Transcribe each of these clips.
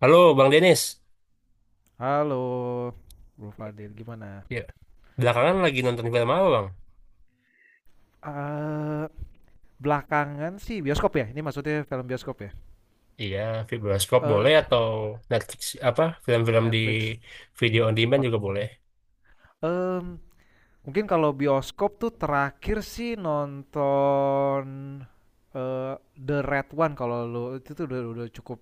Halo Bang Denis, Halo, Bro Fadil, gimana? ya. Belakangan lagi nonton film apa Bang? Eee, belakangan sih bioskop ya? Ini maksudnya film bioskop ya? Iya, film bioskop Eh, boleh atau Netflix apa film-film di Netflix. video on demand Ot juga boleh. Mmm, mungkin kalau bioskop tuh terakhir sih nonton, eee, The Red One kalau lu itu tuh udah cukup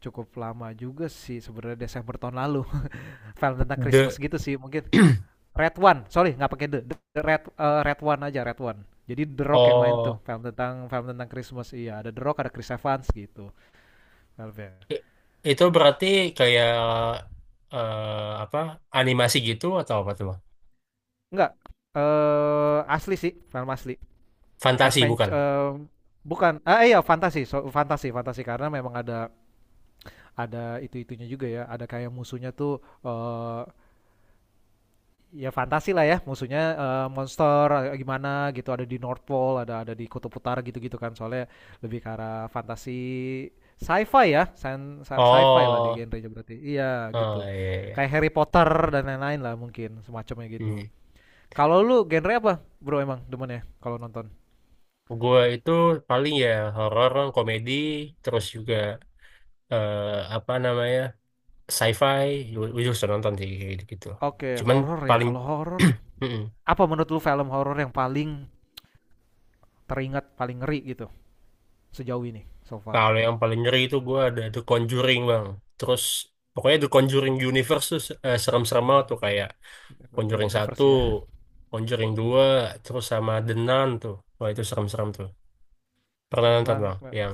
cukup lama juga sih sebenarnya Desember tahun lalu. Film tentang Christmas The gitu sih mungkin. Red One, sorry nggak pakai the, Red Red One aja Red One. Jadi The Rock yang main tuh oh film tentang Christmas, iya ada The Rock ada Chris Evans gitu filmnya. i- itu berarti kayak apa animasi gitu atau apa tuh Bang? Enggak, asli sih, film asli Fantasi adventure, bukan? Bukan, iya fantasi, so, fantasi fantasi karena memang ada itu itunya juga ya, ada kayak musuhnya tuh, ya fantasi lah ya, musuhnya monster gimana gitu, ada di North Pole, ada di Kutub Utara gitu-gitu kan soalnya. Lebih ke arah fantasi, sci-fi ya, fi lah di Oh, genrenya berarti, iya oh gitu, iya, iya. Iya. kayak Harry Potter dan lain-lain lah mungkin semacamnya Hmm. gitu. Kalau lu genre apa bro, emang demen ya kalau nonton? Gue itu paling ya horor, komedi, terus juga apa namanya? Sci-fi gue juga sudah nonton sih kayak gitu. Oke, Cuman horor ya, paling kalau horor, mm-mm. apa menurut lu film horor yang paling teringat, paling ngeri gitu, sejauh ini, so far? Kalau yang paling ngeri itu gue ada The Conjuring bang. Terus pokoknya The Conjuring Universe tuh serem-serem banget tuh kayak Conjuring Conjuring satu, Universe ya. Conjuring Mm. 2 terus sama The Nun tuh. Wah itu serem-serem tuh. Pernah nonton Memang bang me- yang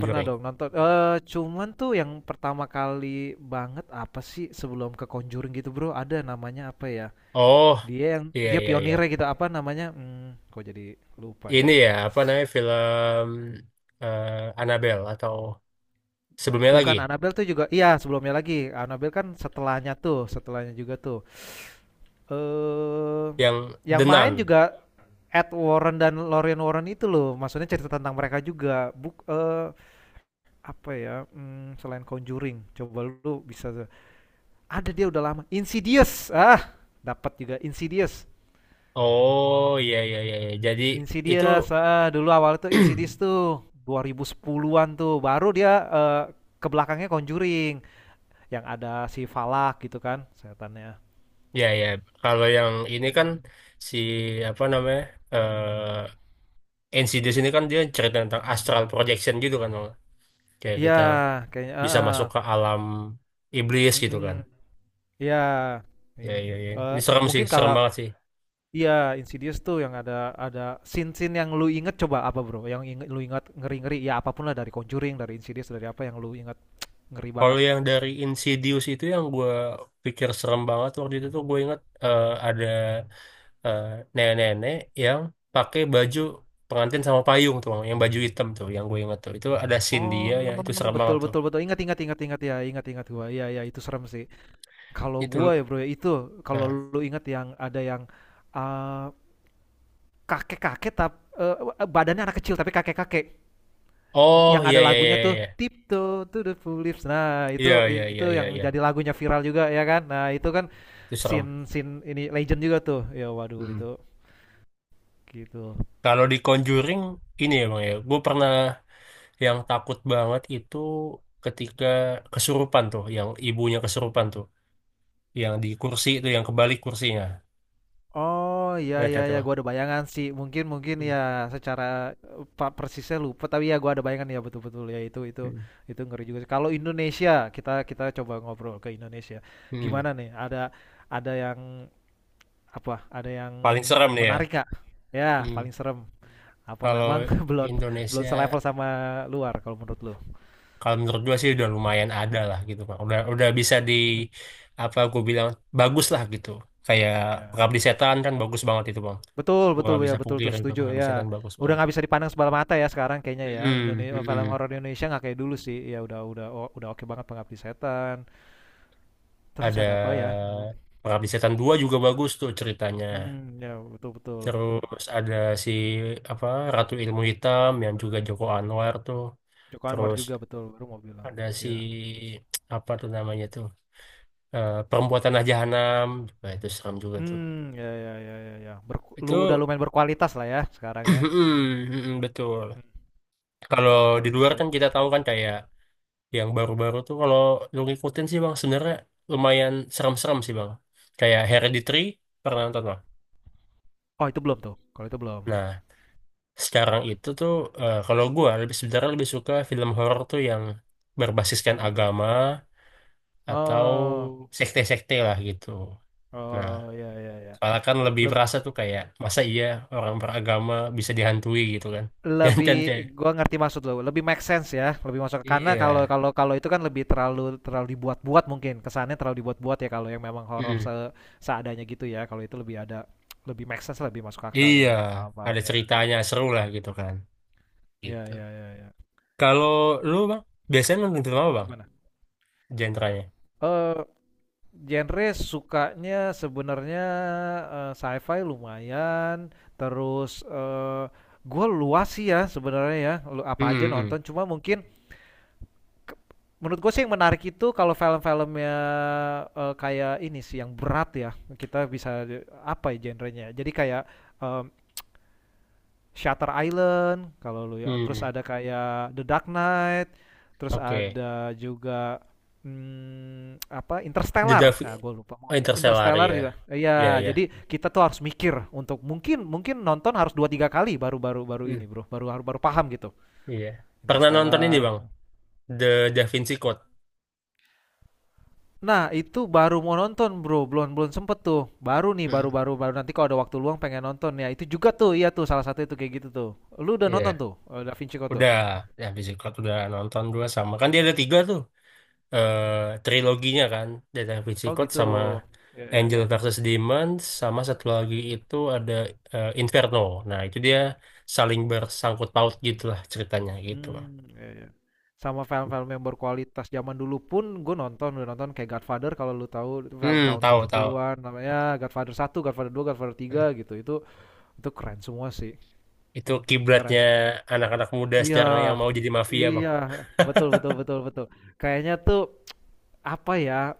Pernah dong nonton, cuman tuh yang pertama kali banget apa sih sebelum ke Conjuring gitu Bro, ada namanya apa ya, Oh iya dia iya iya. pionirnya gitu, apa namanya, kok jadi lupa Ini ya. ya apa namanya film eh, Annabelle atau sebelumnya lagi Bukan Annabelle tuh juga, iya sebelumnya lagi, Annabelle kan setelahnya tuh, setelahnya juga tuh. Eee, yang yang The Nun. main juga Ed Warren dan Lorraine Warren itu loh, maksudnya cerita tentang mereka juga, apa ya, selain Conjuring coba lu bisa. Ada, dia udah lama. Insidious. Ah, dapat juga, Insidious. Oh iya iya iya. Iya. Jadi itu Insidious. Ah, dulu awal itu Insidious tuh 2010-an tuh. Baru dia, eh, ke belakangnya Conjuring, yang ada si Falak gitu kan, setannya. ya ya. Kalau yang ini kan si apa namanya eh Insidious ini kan dia cerita tentang astral projection gitu kan, Bang. Kayak Iya, kita kayaknya, ah, bisa ah. masuk ke alam iblis gitu kan. Mm-mm. Iya. Ya Ini, ya ya. eh, Ini serem sih, mungkin serem kalau, banget sih. iya, Insidious tuh yang ada scene-scene yang lu inget, coba apa bro? Yang inget, lu inget ngeri-ngeri ya, apapun lah dari Conjuring, dari Insidious, dari apa yang lu inget ngeri Kalau banget. yang dari Insidious itu yang gue pikir serem banget waktu itu tuh gue inget ada eh, nenek-nenek yang pakai baju pengantin sama payung tuh, yang baju hitam tuh, yang gue inget tuh. Itu ada scene Oh, dia yang itu serem betul banget tuh. betul betul. Ingat ingat ingat ingat ya, ingat ingat gua. Iya ya, itu serem sih. Kalau gua Itu, ya, Bro, ya itu, kalau nah. lu ingat, yang ada yang, eh, kakek-kakek tapi badannya anak kecil tapi kakek-kakek, Oh yang ada iya iya lagunya iya tuh, iya Tiptoe to the Tulips. Nah, iya itu, iya iya iya iya. yang Iya. jadi lagunya viral juga ya kan. Nah, itu kan Itu serem. scene scene ini legend juga tuh. Ya waduh, Hmm. itu gitu. Kalau di Conjuring ini emang ya, gue pernah yang takut banget itu ketika kesurupan tuh, yang ibunya kesurupan tuh. Yang di kursi itu yang kebalik kursinya, Oh, iya ingat iya kan tuh. ya, gua ada bayangan sih. Mungkin mungkin Hmm. ya, secara persisnya lupa, tapi ya gua ada bayangan ya, betul-betul ya itu, Hmm. itu ngeri juga sih. Kalau Indonesia, kita kita coba ngobrol ke Indonesia. Hmm. Gimana nih? Ada, yang apa? Ada yang Paling serem nih ya. menarik Kak? Ya, Hmm. paling serem. Apa Kalau memang belum belum Indonesia, selevel sama luar kalau menurut lu? kalau menurut gua sih udah lumayan ada lah gitu Pak. Udah bisa di Mm. apa gua bilang bagus lah gitu kayak Ya. Pengabdi Setan kan bagus banget itu bang. Betul Gua betul nggak ya, bisa betul tuh, pungkirin tuh setuju Pengabdi ya. Setan bagus Udah banget. nggak bisa dipandang sebelah mata ya sekarang, kayaknya ya, Mm-mm. Indonesia, film Mm-mm. horor Indonesia nggak kayak dulu sih ya, udah udah oke banget Pengabdi Setan, terus Ada ada apa ya. Pengabdi Setan 2 juga bagus tuh ceritanya. Hmm, ya betul betul. Terus ada si apa Ratu Ilmu Hitam yang juga Joko Anwar tuh. Joko Anwar Terus juga betul, baru mau bilang ada si ya. apa tuh namanya tuh Perempuan Tanah Jahanam juga itu seram juga tuh. Hmm, ya ya ya ya ya, lu Itu udah lumayan berkualitas lah ya sekarang ya. mm, betul. Hmm, Kalau di film-film luar Indo, kan kita tahu kan kayak yang baru-baru tuh kalau lu ngikutin sih Bang sebenarnya lumayan serem-serem sih Bang. Kayak Hereditary pernah nonton Bang? oh itu belum tuh, kalau itu belum, Nah, sekarang itu tuh kalau gua lebih sebenarnya lebih suka film horor tuh yang berbasiskan gimana tuh? agama atau Oh, sekte-sekte lah gitu. Nah, oh ya ya ya, soalnya kan lebih berasa tuh kayak masa iya orang beragama bisa dihantui gitu kan. Yang kan lebih, kayak gua ngerti maksud lo, lebih make sense ya, lebih masuk ke, karena kalau iya, kalau kalau itu kan lebih terlalu, dibuat-buat mungkin, kesannya terlalu dibuat-buat ya. Kalau yang memang horor, mm-mm, seadanya gitu ya, kalau itu lebih ada, lebih make sense, lebih masuk akal iya ya, paham paham ada ya, ceritanya seru lah gitu kan. ya Gitu. ya ya, ya. Kalau lu bang biasanya nonton film apa bang? Gimana, Genrenya? eh genre sukanya sebenarnya, sci-fi lumayan, terus, gua luas sih ya sebenarnya ya, lu Mm apa aja hmm mm. nonton, cuma mungkin menurut gue sih yang menarik itu kalau film-filmnya, kayak ini sih, yang berat ya, kita bisa, apa ya genrenya, jadi kayak em, Shutter Island kalau lu ya, terus Hmm, ada kayak The Dark Knight, terus oke. ada juga, hmm, apa, The Interstellar, Davi- nah, gue lupa. oh, Interstellar Interstellar ya. juga, iya, Iya jadi kita tuh harus mikir, untuk mungkin, mungkin nonton harus dua tiga kali baru, baru baru ya. ini bro, baru, baru baru paham gitu. Iya. Pernah nonton ini Interstellar. Bang, The Da Vinci Code. Nah, itu baru mau nonton, Bro, belum belum sempet tuh. Baru nih, baru, Mm-mm. baru baru nanti kalau ada waktu luang pengen nonton ya. Itu juga tuh, iya tuh, salah satu itu kayak gitu tuh. Lu udah nonton Iya. tuh, Da Vinci Code tuh? Udah, Da Vinci Code udah nonton dua sama. Kan dia ada tiga tuh. eh Triloginya kan. The Da Vinci Oh Code gitu. sama Ya ya Angel ya. versus Demon. Sama satu lagi itu ada Inferno. Nah itu dia saling bersangkut paut gitu lah ceritanya gitu. Hmm, ya ya. Sama film-film yang berkualitas zaman dulu pun gue nonton, udah nonton kayak Godfather, kalau lu tahu itu film Hmm, tahun tahu tahu. 70-an namanya. Godfather satu, Godfather dua, Godfather tiga Hmm. gitu. Itu keren semua sih. Itu Keren kiblatnya semua. anak-anak muda sekarang yang Iya. mau jadi mafia Bang. Iya, betul betul betul betul. Kayaknya tuh, apa ya,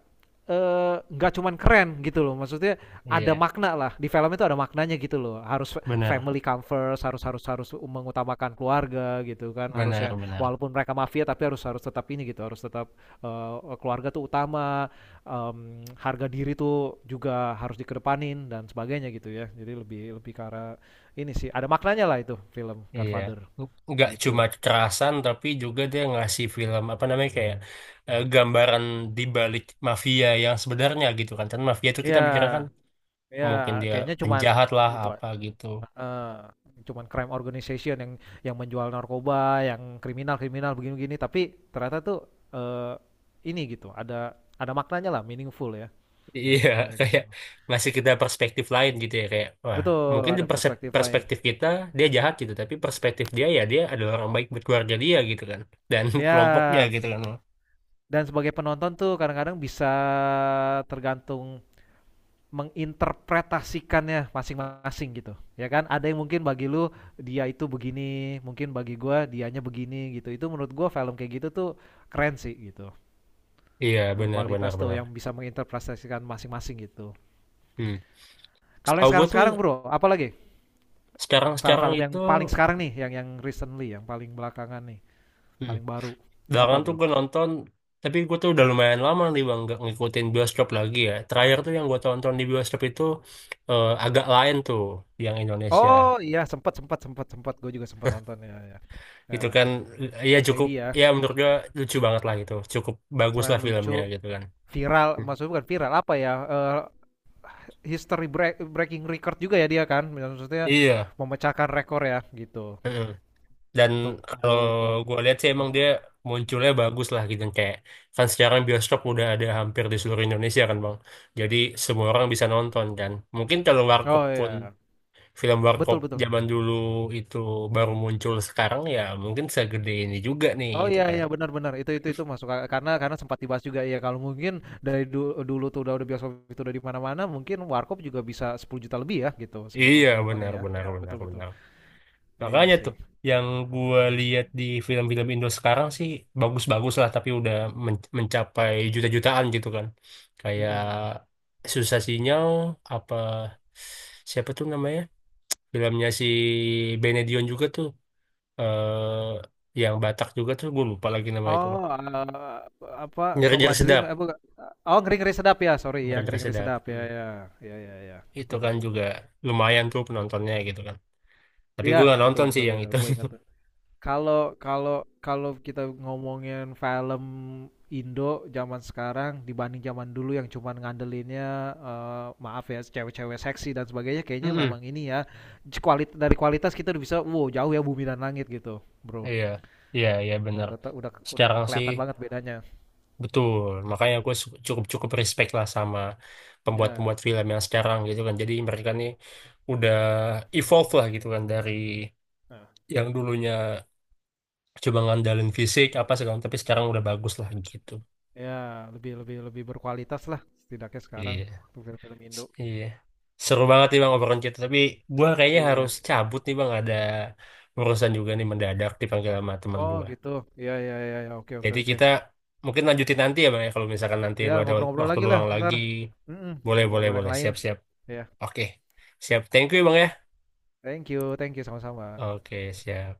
nggak, cuman keren gitu loh maksudnya, ada Iya, makna lah, di film itu ada maknanya gitu loh, harus benar, family come first, harus harus harus mengutamakan keluarga gitu kan. Harus benar, yang, benar. walaupun mereka mafia tapi harus harus tetap ini gitu, harus tetap, keluarga tuh utama, em, harga diri tuh juga harus dikedepanin dan sebagainya gitu ya, jadi lebih, ke arah ini sih, ada maknanya lah itu film Iya, Godfather nggak gitu. cuma kekerasan tapi juga dia ngasih film apa namanya kayak gambaran di balik mafia yang sebenarnya gitu kan. Kan mafia itu kita bicara kan Ya mungkin ya, dia kayaknya cuman penjahat lah gitu. apa gitu. Heeh, cuman crime organization yang menjual narkoba, yang kriminal-kriminal begini-begini, tapi ternyata tuh, eh ini gitu, ada maknanya lah, meaningful ya, ada Iya, maknanya gitu. kayak ngasih kita perspektif lain gitu ya kayak wah, Betul, mungkin di ada perse- perspektif lain. perspektif kita dia jahat gitu, tapi perspektif dia ya dia adalah orang baik buat keluarga dia gitu kan dan kelompoknya Ya, gitu kan. dan sebagai penonton tuh kadang-kadang bisa, tergantung, menginterpretasikannya masing-masing gitu. Ya kan? Ada yang mungkin bagi lu dia itu begini, mungkin bagi gua dianya begini gitu. Itu menurut gua film kayak gitu tuh keren sih gitu. Iya, benar Berkualitas benar tuh, benar. yang bisa menginterpretasikan masing-masing gitu. Hmm. Kalau yang Setahu gue tuh sekarang-sekarang bro, apa lagi? sekarang-sekarang Film-film yang itu paling sekarang nih, yang recently, yang paling belakangan nih, hmm. paling baru. Apa Belakangan tuh bro? gue nonton, tapi gue tuh udah lumayan lama nih bang nggak ngikutin bioskop lagi ya. Terakhir tuh yang gue tonton di bioskop itu agak lain tuh yang Indonesia. Oh iya, sempat, sempat sempat sempat gue juga sempat nonton ya ya. Ya, Itu kan ya cukup komedi ya, ya menurut gue lucu banget lah gitu. Cukup bagus selain lah lucu, filmnya gitu kan. viral, Hmm. maksudnya bukan viral apa ya? Breaking record juga ya dia kan, maksudnya Iya. memecahkan rekor ya gitu, Heeh. Dan kalau untuk gue lihat sih emang dia penonton. munculnya bagus lah gitu kayak kan sekarang bioskop udah ada hampir di seluruh Indonesia kan bang. Jadi semua orang bisa nonton kan. Mungkin kalau warkop Oh pun iya, film warkop betul betul. zaman dulu itu baru muncul sekarang ya mungkin segede ini juga nih Oh gitu iya kan. iya, benar-benar, itu, itu masuk akal, karena, sempat dibahas juga ya, kalau mungkin dari, dulu tuh udah, bioskop itu udah di mana-mana, mungkin warkop juga bisa 10 juta lebih ya gitu, Iya penontonnya benar ya. benar Iya benar betul betul. benar. Iya Makanya tuh sih. yang gua lihat di film-film Indo sekarang sih bagus-bagus lah tapi udah men- mencapai juta-jutaan gitu kan. Kayak Mm-mm. Susah Sinyal apa siapa tuh namanya? Filmnya si Benedion juga tuh eh yang Batak juga tuh gue lupa lagi nama itu loh. Oh, apa, Toba Nyeri-nyeri Dream sedap, apa, oh ngeri-ngeri sedap ya, sorry ya, nyeri-nyeri ngeri-ngeri sedap. sedap ya Hmm. ya ya ya ya, Itu betul kan betul juga betul. lumayan tuh penontonnya gitu kan. Tapi Iya gue nggak betul nonton sih betul ya, yang itu. gue ingat. Kalau kalau kalau kita ngomongin film Indo zaman sekarang dibanding zaman dulu yang cuman ngandelinnya, maaf ya, cewek-cewek seksi dan sebagainya, kayaknya Mm-mm. memang ini ya, dari kualitas kita udah bisa wow, jauh ya, bumi dan langit gitu bro. Iya, iya, iya bener. Udah udah, Sekarang sih kelihatan banget bedanya betul. Makanya gue cukup-cukup respect lah sama ya. pembuat-pembuat film yang sekarang gitu kan. Jadi mereka nih udah evolve lah gitu kan dari Nah, yang dulunya cuma ngandalin fisik apa segala tapi sekarang udah bagus lah gitu. ya, lebih, lebih berkualitas lah setidaknya sekarang Iya. tuh film-film Indo. Iya. Seru banget nih Bang obrolan kita. Tapi gua kayaknya harus Iya. cabut nih Bang. Ada urusan juga nih mendadak dipanggil sama teman Oh gua. gitu. Iya iya iya ya. Oke oke Jadi oke. kita mungkin lanjutin nanti ya Bang ya. Kalau misalkan nanti Ya, lu ada ngobrol-ngobrol waktu lagi lah luang ntar. lagi. Mm-mm, Boleh, boleh, ngobrol-ngobrol yang boleh. lain. Siap, siap. Ya, Oke. Siap. Thank you Bang ya. Thank you, sama-sama. Oke, siap.